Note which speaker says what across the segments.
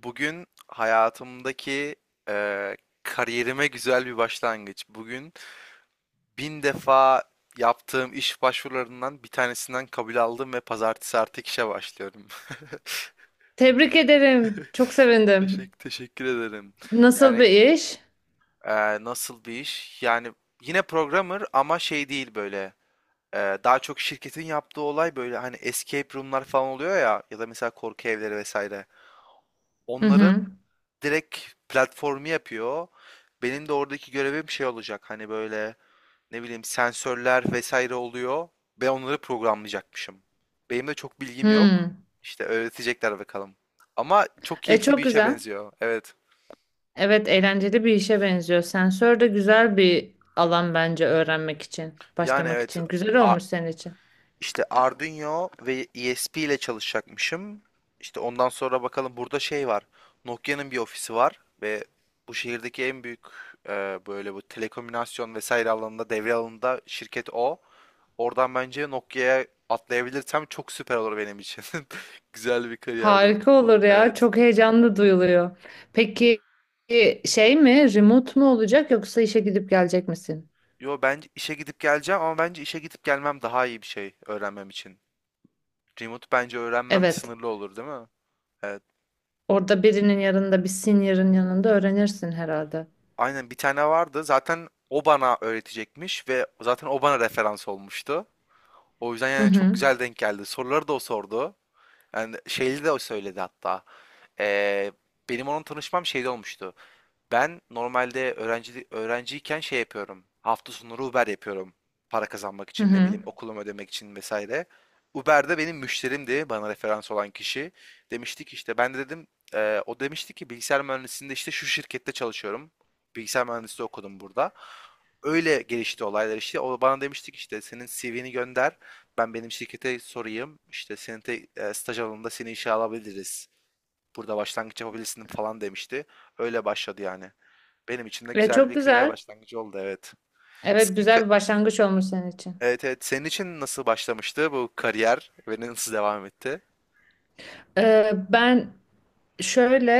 Speaker 1: Bugün hayatımdaki eee, kariyerime güzel bir başlangıç. Bugün bin defa yaptığım iş başvurularından bir tanesinden kabul aldım ve pazartesi artık işe başlıyorum.
Speaker 2: Tebrik ederim. Çok sevindim.
Speaker 1: Teşekkür ederim.
Speaker 2: Nasıl
Speaker 1: Yani
Speaker 2: bir iş?
Speaker 1: nasıl bir iş? Yani yine programmer ama şey değil böyle. Daha çok şirketin yaptığı olay böyle hani escape room'lar falan oluyor ya ya da mesela korku evleri vesaire.
Speaker 2: Hı
Speaker 1: Onların
Speaker 2: hı.
Speaker 1: direkt platformu yapıyor. Benim de oradaki görevim şey olacak. Hani böyle ne bileyim sensörler vesaire oluyor. Ben onları programlayacakmışım. Benim de çok bilgim yok.
Speaker 2: Hı.
Speaker 1: İşte öğretecekler bakalım. Ama çok
Speaker 2: E
Speaker 1: keyifli bir
Speaker 2: çok
Speaker 1: işe
Speaker 2: güzel.
Speaker 1: benziyor. Evet.
Speaker 2: Evet, eğlenceli bir işe benziyor. Sensör de güzel bir alan bence öğrenmek için,
Speaker 1: Yani
Speaker 2: başlamak
Speaker 1: evet.
Speaker 2: için. Güzel
Speaker 1: a-
Speaker 2: olmuş senin için.
Speaker 1: İşte Arduino ve ESP ile çalışacakmışım. İşte ondan sonra bakalım burada şey var. Nokia'nın bir ofisi var ve bu şehirdeki en büyük böyle bu telekomünikasyon vesaire alanında devre alanında şirket o. Oradan bence Nokia'ya atlayabilirsem çok süper olur benim için. Güzel bir kariyer
Speaker 2: Harika
Speaker 1: olur.
Speaker 2: olur ya.
Speaker 1: Evet.
Speaker 2: Çok heyecanlı duyuluyor. Peki şey mi, remote mu olacak yoksa işe gidip gelecek misin?
Speaker 1: Yo, bence işe gidip geleceğim ama bence işe gidip gelmem daha iyi bir şey öğrenmem için. Remote bence öğrenmem
Speaker 2: Evet.
Speaker 1: sınırlı olur, değil mi? Evet.
Speaker 2: Orada birinin yanında, bir senior'ın yanında öğrenirsin herhalde.
Speaker 1: Aynen, bir tane vardı. Zaten o bana öğretecekmiş ve zaten o bana referans olmuştu. O yüzden
Speaker 2: Hı
Speaker 1: yani çok
Speaker 2: hı.
Speaker 1: güzel denk geldi. Soruları da o sordu. Yani şeyli de o söyledi hatta. Ee, Benim onun tanışmam şeyde olmuştu. Ben normalde öğrenciyken şey yapıyorum. Hafta sonları Uber yapıyorum. Para kazanmak
Speaker 2: Hı
Speaker 1: için ne bileyim
Speaker 2: hı.
Speaker 1: okulumu ödemek için vesaire. Uber'de benim müşterimdi bana referans olan kişi. Demiştik işte ben de dedim o demişti ki bilgisayar mühendisliğinde işte şu şirkette çalışıyorum. Bilgisayar mühendisliği okudum burada. Öyle gelişti olaylar işte. O bana demiştik işte senin CV'ni gönder. Ben benim şirkete sorayım. İşte senin staj alanında seni işe alabiliriz. Burada başlangıç yapabilirsin falan demişti. Öyle başladı yani. Benim için de
Speaker 2: Ve
Speaker 1: güzel
Speaker 2: çok
Speaker 1: bir kariyer
Speaker 2: güzel.
Speaker 1: başlangıcı oldu, evet.
Speaker 2: Evet,
Speaker 1: Sizin ka-
Speaker 2: güzel bir başlangıç olmuş senin için.
Speaker 1: evet, evet, senin için nasıl başlamıştı bu kariyer ve nasıl devam etti?
Speaker 2: Ben şöyle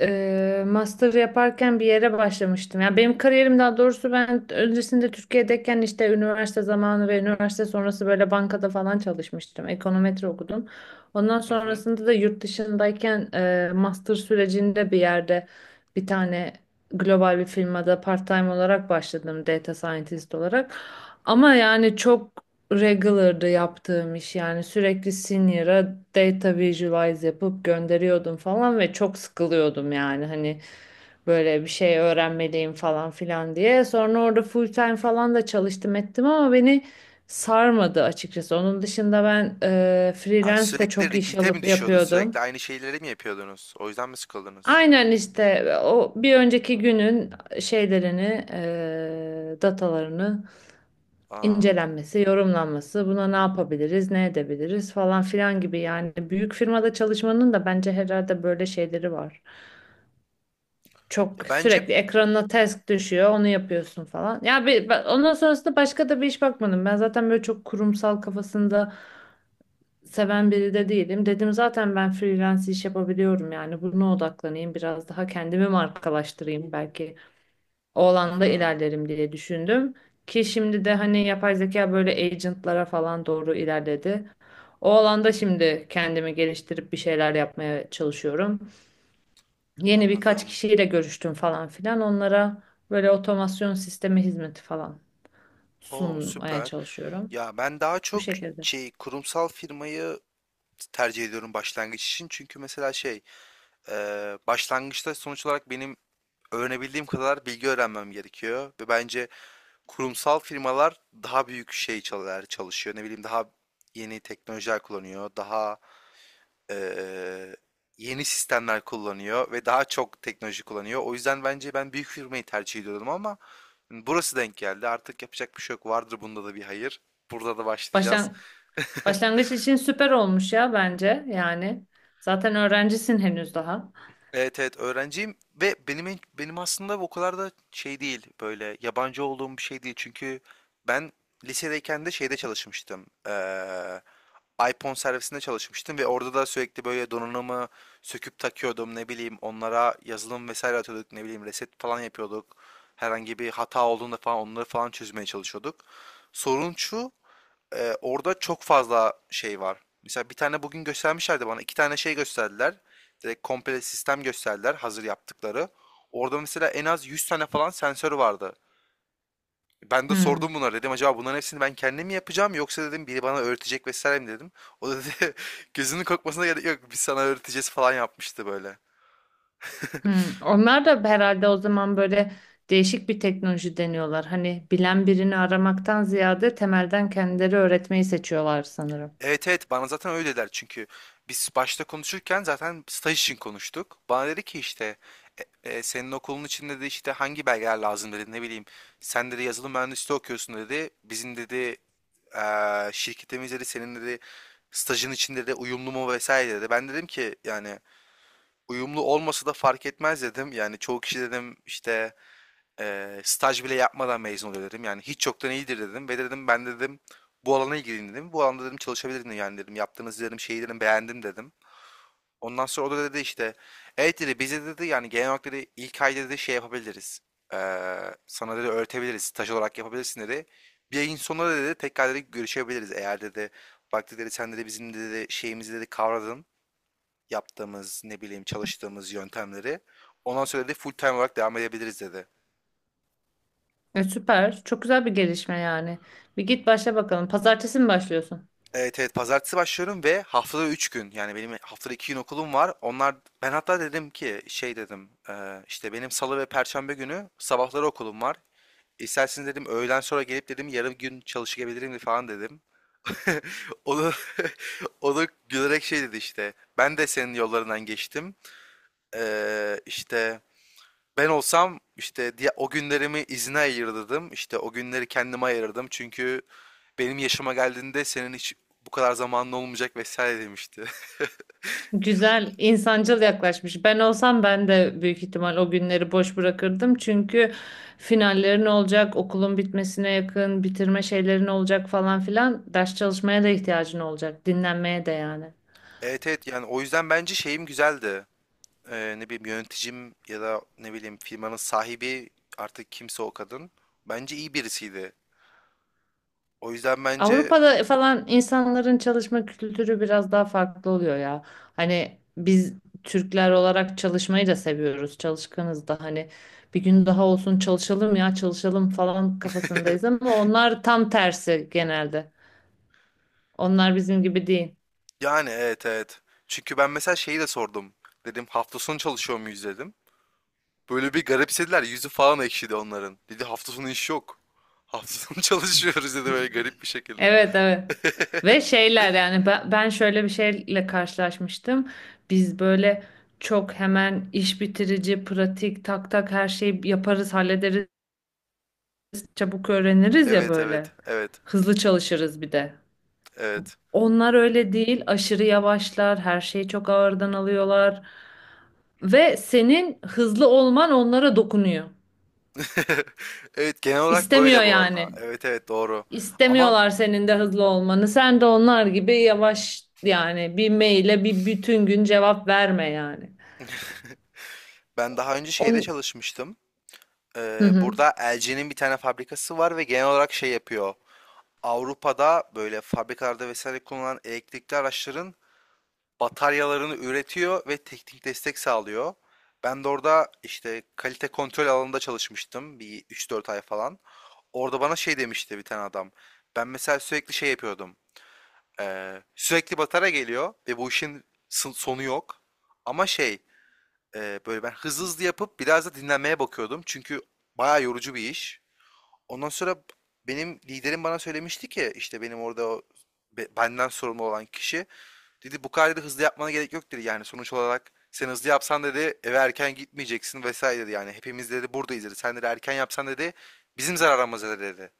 Speaker 2: master yaparken bir yere başlamıştım. Yani benim kariyerim, daha doğrusu ben öncesinde Türkiye'deyken işte üniversite zamanı ve üniversite sonrası böyle bankada falan çalışmıştım. Ekonometri okudum. Ondan
Speaker 1: Hı hı.
Speaker 2: sonrasında da yurt dışındayken master sürecinde bir yerde bir tane global bir firmada part-time olarak başladım, data scientist olarak. Ama yani çok regular'da yaptığım iş, yani sürekli senior'a data visualize yapıp gönderiyordum falan ve çok sıkılıyordum, yani hani böyle bir şey öğrenmeliyim falan filan diye. Sonra orada full time falan da çalıştım ettim ama beni sarmadı açıkçası. Onun dışında ben
Speaker 1: Ha,
Speaker 2: freelance de
Speaker 1: sürekli
Speaker 2: çok iş
Speaker 1: repeat'e mi
Speaker 2: alıp
Speaker 1: düşüyordu? Sürekli
Speaker 2: yapıyordum.
Speaker 1: aynı şeyleri mi yapıyordunuz? O yüzden mi sıkıldınız?
Speaker 2: Aynen işte o bir önceki günün şeylerini, datalarını
Speaker 1: Aa.
Speaker 2: incelenmesi, yorumlanması, buna ne yapabiliriz, ne edebiliriz falan filan gibi. Yani büyük firmada çalışmanın da bence herhalde böyle şeyleri var. Çok
Speaker 1: Ya bence
Speaker 2: sürekli ekranına task düşüyor, onu yapıyorsun falan. Ya bir, ondan sonrasında başka da bir iş bakmadım. Ben zaten böyle çok kurumsal kafasında seven biri de değilim. Dedim zaten ben freelance iş yapabiliyorum, yani buna odaklanayım, biraz daha kendimi markalaştırayım belki. O alanda
Speaker 1: Mhm,
Speaker 2: ilerlerim diye düşündüm. Ki şimdi de hani yapay zeka böyle agentlara falan doğru ilerledi. O alanda şimdi kendimi geliştirip bir şeyler yapmaya çalışıyorum. Yeni birkaç
Speaker 1: anladım.
Speaker 2: kişiyle görüştüm falan filan. Onlara böyle otomasyon sistemi hizmeti falan
Speaker 1: O
Speaker 2: sunmaya
Speaker 1: süper.
Speaker 2: çalışıyorum.
Speaker 1: Ya ben daha
Speaker 2: Bu
Speaker 1: çok
Speaker 2: şekilde.
Speaker 1: şey, kurumsal firmayı tercih ediyorum başlangıç için. Çünkü mesela e, başlangıçta sonuç olarak benim öğrenebildiğim kadar bilgi öğrenmem gerekiyor. Ve bence kurumsal firmalar daha büyük şey çalar, çalışıyor. Ne bileyim daha yeni teknolojiler kullanıyor. Daha eee, yeni sistemler kullanıyor ve daha çok teknoloji kullanıyor. O yüzden bence ben büyük firmayı tercih ediyordum ama burası denk geldi. Artık yapacak bir şey yok. Vardır bunda da bir hayır. Burada da başlayacağız.
Speaker 2: Başlan başlangıç için süper olmuş ya bence yani. Zaten öğrencisin henüz daha.
Speaker 1: Evet, evet, öğrenciyim ve benim aslında o kadar da şey değil, böyle yabancı olduğum bir şey değil, çünkü ben lisedeyken de şeyde çalışmıştım. iPhone servisinde çalışmıştım ve orada da sürekli böyle donanımı söküp takıyordum, ne bileyim onlara yazılım vesaire atıyorduk, ne bileyim reset falan yapıyorduk, herhangi bir hata olduğunda falan onları falan çözmeye çalışıyorduk. Sorun şu, orada çok fazla şey var. Mesela bir tane bugün göstermişlerdi bana. İki tane şey gösterdiler. Direkt komple sistem gösterdiler hazır yaptıkları. Orada mesela en az 100 tane falan sensör vardı. Ben de
Speaker 2: Hmm.
Speaker 1: sordum bunlara, dedim acaba bunların hepsini ben kendim mi yapacağım yoksa dedim biri bana öğretecek vesaire mi dedim. O da dedi gözünün korkmasına gerek yok, biz sana öğreteceğiz falan yapmıştı böyle.
Speaker 2: Hmm, onlar da herhalde o zaman böyle değişik bir teknoloji deniyorlar. Hani bilen birini aramaktan ziyade temelden kendileri öğretmeyi seçiyorlar sanırım.
Speaker 1: Evet, evet, bana zaten öyle dediler, çünkü biz başta konuşurken zaten staj için konuştuk. Bana dedi ki işte senin okulun içinde de işte hangi belgeler lazım dedi, ne bileyim. Sen dedi yazılım mühendisliği okuyorsun dedi. Bizim dedi şirketimiz dedi senin dedi stajın içinde de uyumlu mu vesaire dedi. Ben dedim ki yani uyumlu olmasa da fark etmez dedim. Yani çoğu kişi dedim işte staj bile yapmadan mezun oluyor dedim. Yani hiç yoktan iyidir dedim ve dedim ben dedim bu alana ilgiliyim dedim. Bu alanda dedim çalışabilirim yani dedim. Yaptığınız dedim şeyi dedim beğendim dedim. Ondan sonra o da dedi işte evet dedi bize dedi yani genel olarak dedi ilk ay dedi şey yapabiliriz. Sana dedi öğretebiliriz. Staj olarak yapabilirsin dedi. Bir ayın sonunda dedi tekrar dedi görüşebiliriz. Eğer dedi bak dedi sen dedi bizim dedi şeyimizi dedi kavradın. Yaptığımız ne bileyim çalıştığımız yöntemleri. Ondan sonra dedi full time olarak devam edebiliriz dedi.
Speaker 2: E, süper. Çok güzel bir gelişme yani. Bir git başla bakalım. Pazartesi mi başlıyorsun?
Speaker 1: Evet, evet, pazartesi başlıyorum ve haftada 3 gün, yani benim haftada 2 gün okulum var. Onlar, ben hatta dedim ki şey dedim işte benim salı ve perşembe günü sabahları okulum var. İsterseniz dedim öğlen sonra gelip dedim yarım gün çalışabilirim falan dedim. O da, o da gülerek şey dedi işte ben de senin yollarından geçtim. İşte ben olsam işte diye o günlerimi izne ayırırdım. İşte o günleri kendime ayırdım. Çünkü benim yaşıma geldiğinde senin hiç bu kadar zamanın olmayacak vesaire demişti.
Speaker 2: Güzel, insancıl yaklaşmış. Ben olsam ben de büyük ihtimal o günleri boş bırakırdım. Çünkü finallerin olacak, okulun bitmesine yakın, bitirme şeylerin olacak falan filan. Ders çalışmaya da ihtiyacın olacak, dinlenmeye de yani.
Speaker 1: Evet, evet, yani o yüzden bence şeyim güzeldi. Ne bileyim yöneticim ya da ne bileyim firmanın sahibi, artık kimse o kadın. Bence iyi birisiydi. O yüzden bence
Speaker 2: Avrupa'da falan insanların çalışma kültürü biraz daha farklı oluyor ya. Hani biz Türkler olarak çalışmayı da seviyoruz. Çalışkanız da, hani bir gün daha olsun çalışalım ya, çalışalım falan kafasındayız ama onlar tam tersi genelde. Onlar bizim gibi değil.
Speaker 1: yani evet, evet. Çünkü ben mesela şeyi de sordum. Dedim hafta sonu çalışıyor muyuz dedim. Böyle bir garipsediler. Yüzü falan ekşidi onların. Dedi hafta sonu iş yok. Hafta sonu çalışıyoruz dedi böyle garip bir şekilde.
Speaker 2: Evet, evet. Ve şeyler yani, ben şöyle bir şeyle karşılaşmıştım. Biz böyle çok hemen iş bitirici, pratik, tak tak her şeyi yaparız, hallederiz. Çabuk öğreniriz ya
Speaker 1: Evet,
Speaker 2: böyle.
Speaker 1: evet, evet,
Speaker 2: Hızlı çalışırız bir de.
Speaker 1: evet.
Speaker 2: Onlar öyle değil, aşırı yavaşlar, her şeyi çok ağırdan alıyorlar ve senin hızlı olman onlara dokunuyor.
Speaker 1: Evet, genel olarak
Speaker 2: İstemiyor
Speaker 1: böyle bu arada.
Speaker 2: yani.
Speaker 1: Evet, evet, doğru. Ama
Speaker 2: İstemiyorlar senin de hızlı olmanı. Sen de onlar gibi yavaş, yani bir maile bir bütün gün cevap verme yani.
Speaker 1: ben daha önce şeyde
Speaker 2: On...
Speaker 1: çalışmıştım.
Speaker 2: Hı hı.
Speaker 1: Burada LG'nin bir tane fabrikası var ve genel olarak şey yapıyor. Avrupa'da böyle fabrikalarda vesaire kullanılan elektrikli araçların bataryalarını üretiyor ve teknik destek sağlıyor. Ben de orada işte kalite kontrol alanında çalışmıştım bir üç dört ay falan. Orada bana şey demişti bir tane adam. Ben mesela sürekli şey yapıyordum. Sürekli batarya geliyor ve bu işin sonu yok. Ama şey, böyle ben hızlı hızlı yapıp biraz da dinlenmeye bakıyordum. Çünkü bayağı yorucu bir iş. Ondan sonra benim liderim bana söylemişti ki işte benim orada o benden sorumlu olan kişi. Dedi bu kadar dedi, hızlı yapmana gerek yok dedi, yani sonuç olarak sen hızlı yapsan dedi eve erken gitmeyeceksin vesaire dedi, yani hepimiz dedi buradayız dedi sen dedi erken yapsan dedi bizim zararımıza dedi.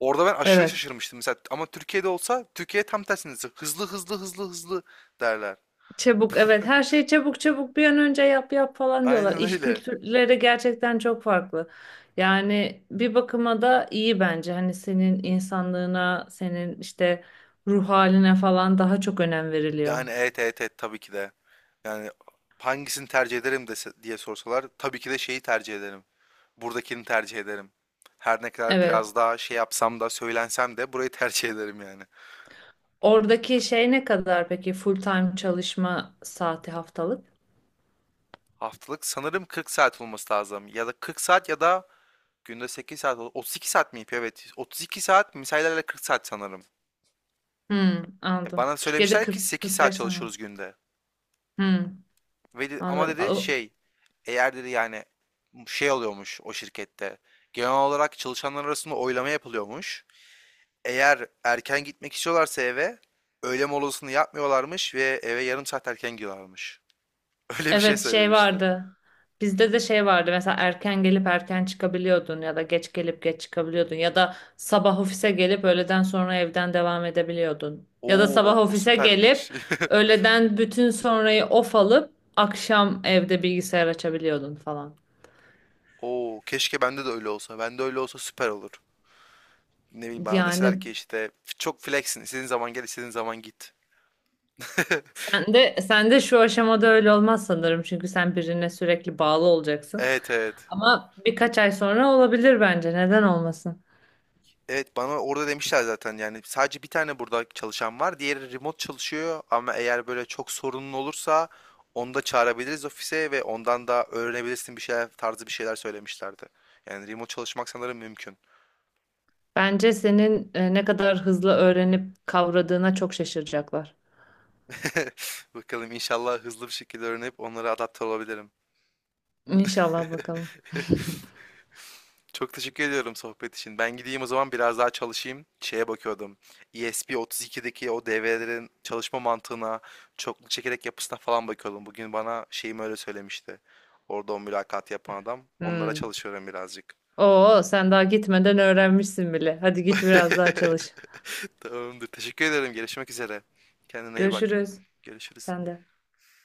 Speaker 1: Orada ben aşırı
Speaker 2: Evet.
Speaker 1: şaşırmıştım mesela ama Türkiye'de olsa Türkiye tam tersine hızlı hızlı hızlı hızlı derler.
Speaker 2: Çabuk, evet, her şeyi çabuk çabuk bir an önce yap yap falan diyorlar.
Speaker 1: Aynen
Speaker 2: İş
Speaker 1: öyle.
Speaker 2: kültürleri gerçekten çok farklı. Yani bir bakıma da iyi bence. Hani senin insanlığına, senin işte ruh haline falan daha çok önem veriliyor.
Speaker 1: Yani evet, evet, evet, tabii ki de. Yani hangisini tercih ederim dese, diye sorsalar tabii ki de şeyi tercih ederim. Buradakini tercih ederim. Her ne kadar
Speaker 2: Evet.
Speaker 1: biraz daha şey yapsam da söylensem de burayı tercih ederim yani.
Speaker 2: Oradaki şey ne kadar peki, full time çalışma saati haftalık?
Speaker 1: Haftalık sanırım 40 saat olması lazım. Ya da 40 saat, ya da günde 8 saat. 32 saat mi yapıyor? Evet. 32 saat misailerle 40 saat sanırım.
Speaker 2: Hmm,
Speaker 1: Ya
Speaker 2: anladım.
Speaker 1: bana
Speaker 2: Türkiye'de
Speaker 1: söylemişler ki
Speaker 2: 40
Speaker 1: 8 saat
Speaker 2: 45 sene.
Speaker 1: çalışıyoruz günde.
Speaker 2: Hmm,
Speaker 1: Ama dedi
Speaker 2: anladım.
Speaker 1: şey, eğer dedi yani şey oluyormuş o şirkette. Genel olarak çalışanlar arasında oylama yapılıyormuş. Eğer erken gitmek istiyorlarsa eve öğle molasını yapmıyorlarmış ve eve yarım saat erken gidiyorlarmış. Öyle bir şey
Speaker 2: Evet, şey
Speaker 1: söylemişti.
Speaker 2: vardı. Bizde de şey vardı. Mesela erken gelip erken çıkabiliyordun, ya da geç gelip geç çıkabiliyordun, ya da sabah ofise gelip öğleden sonra evden devam edebiliyordun. Ya da sabah
Speaker 1: Oo, o
Speaker 2: ofise gelip
Speaker 1: süpermiş.
Speaker 2: öğleden bütün sonrayı off alıp akşam evde bilgisayar açabiliyordun falan.
Speaker 1: Oo, keşke bende de öyle olsa. Bende öyle olsa süper olur. Ne bileyim bana deseler
Speaker 2: Yani
Speaker 1: ki işte çok flexsin. İstediğin zaman gel, istediğin zaman git.
Speaker 2: sen de şu aşamada öyle olmaz sanırım, çünkü sen birine sürekli bağlı olacaksın.
Speaker 1: Evet, evet.
Speaker 2: Ama birkaç ay sonra olabilir bence. Neden olmasın?
Speaker 1: Evet, bana orada demişler zaten, yani sadece bir tane burada çalışan var. Diğeri remote çalışıyor ama eğer böyle çok sorunun olursa onu da çağırabiliriz ofise ve ondan da öğrenebilirsin bir şeyler tarzı bir şeyler söylemişlerdi. Yani remote çalışmak sanırım mümkün.
Speaker 2: Bence senin ne kadar hızlı öğrenip kavradığına çok şaşıracaklar.
Speaker 1: Bakalım inşallah hızlı bir şekilde öğrenip onlara adapte olabilirim.
Speaker 2: İnşallah bakalım.
Speaker 1: Çok teşekkür ediyorum sohbet için. Ben gideyim o zaman, biraz daha çalışayım. Şeye bakıyordum. ESP32'deki o devrelerin çalışma mantığına, çokluk çekerek yapısına falan bakıyordum. Bugün bana şeyim öyle söylemişti. Orada o mülakat yapan adam. Onlara
Speaker 2: Hmm.
Speaker 1: çalışıyorum birazcık.
Speaker 2: Oo, sen daha gitmeden öğrenmişsin bile. Hadi git biraz daha çalış.
Speaker 1: Tamamdır. Teşekkür ederim. Görüşmek üzere. Kendine iyi bak.
Speaker 2: Görüşürüz.
Speaker 1: Görüşürüz.
Speaker 2: Sen de.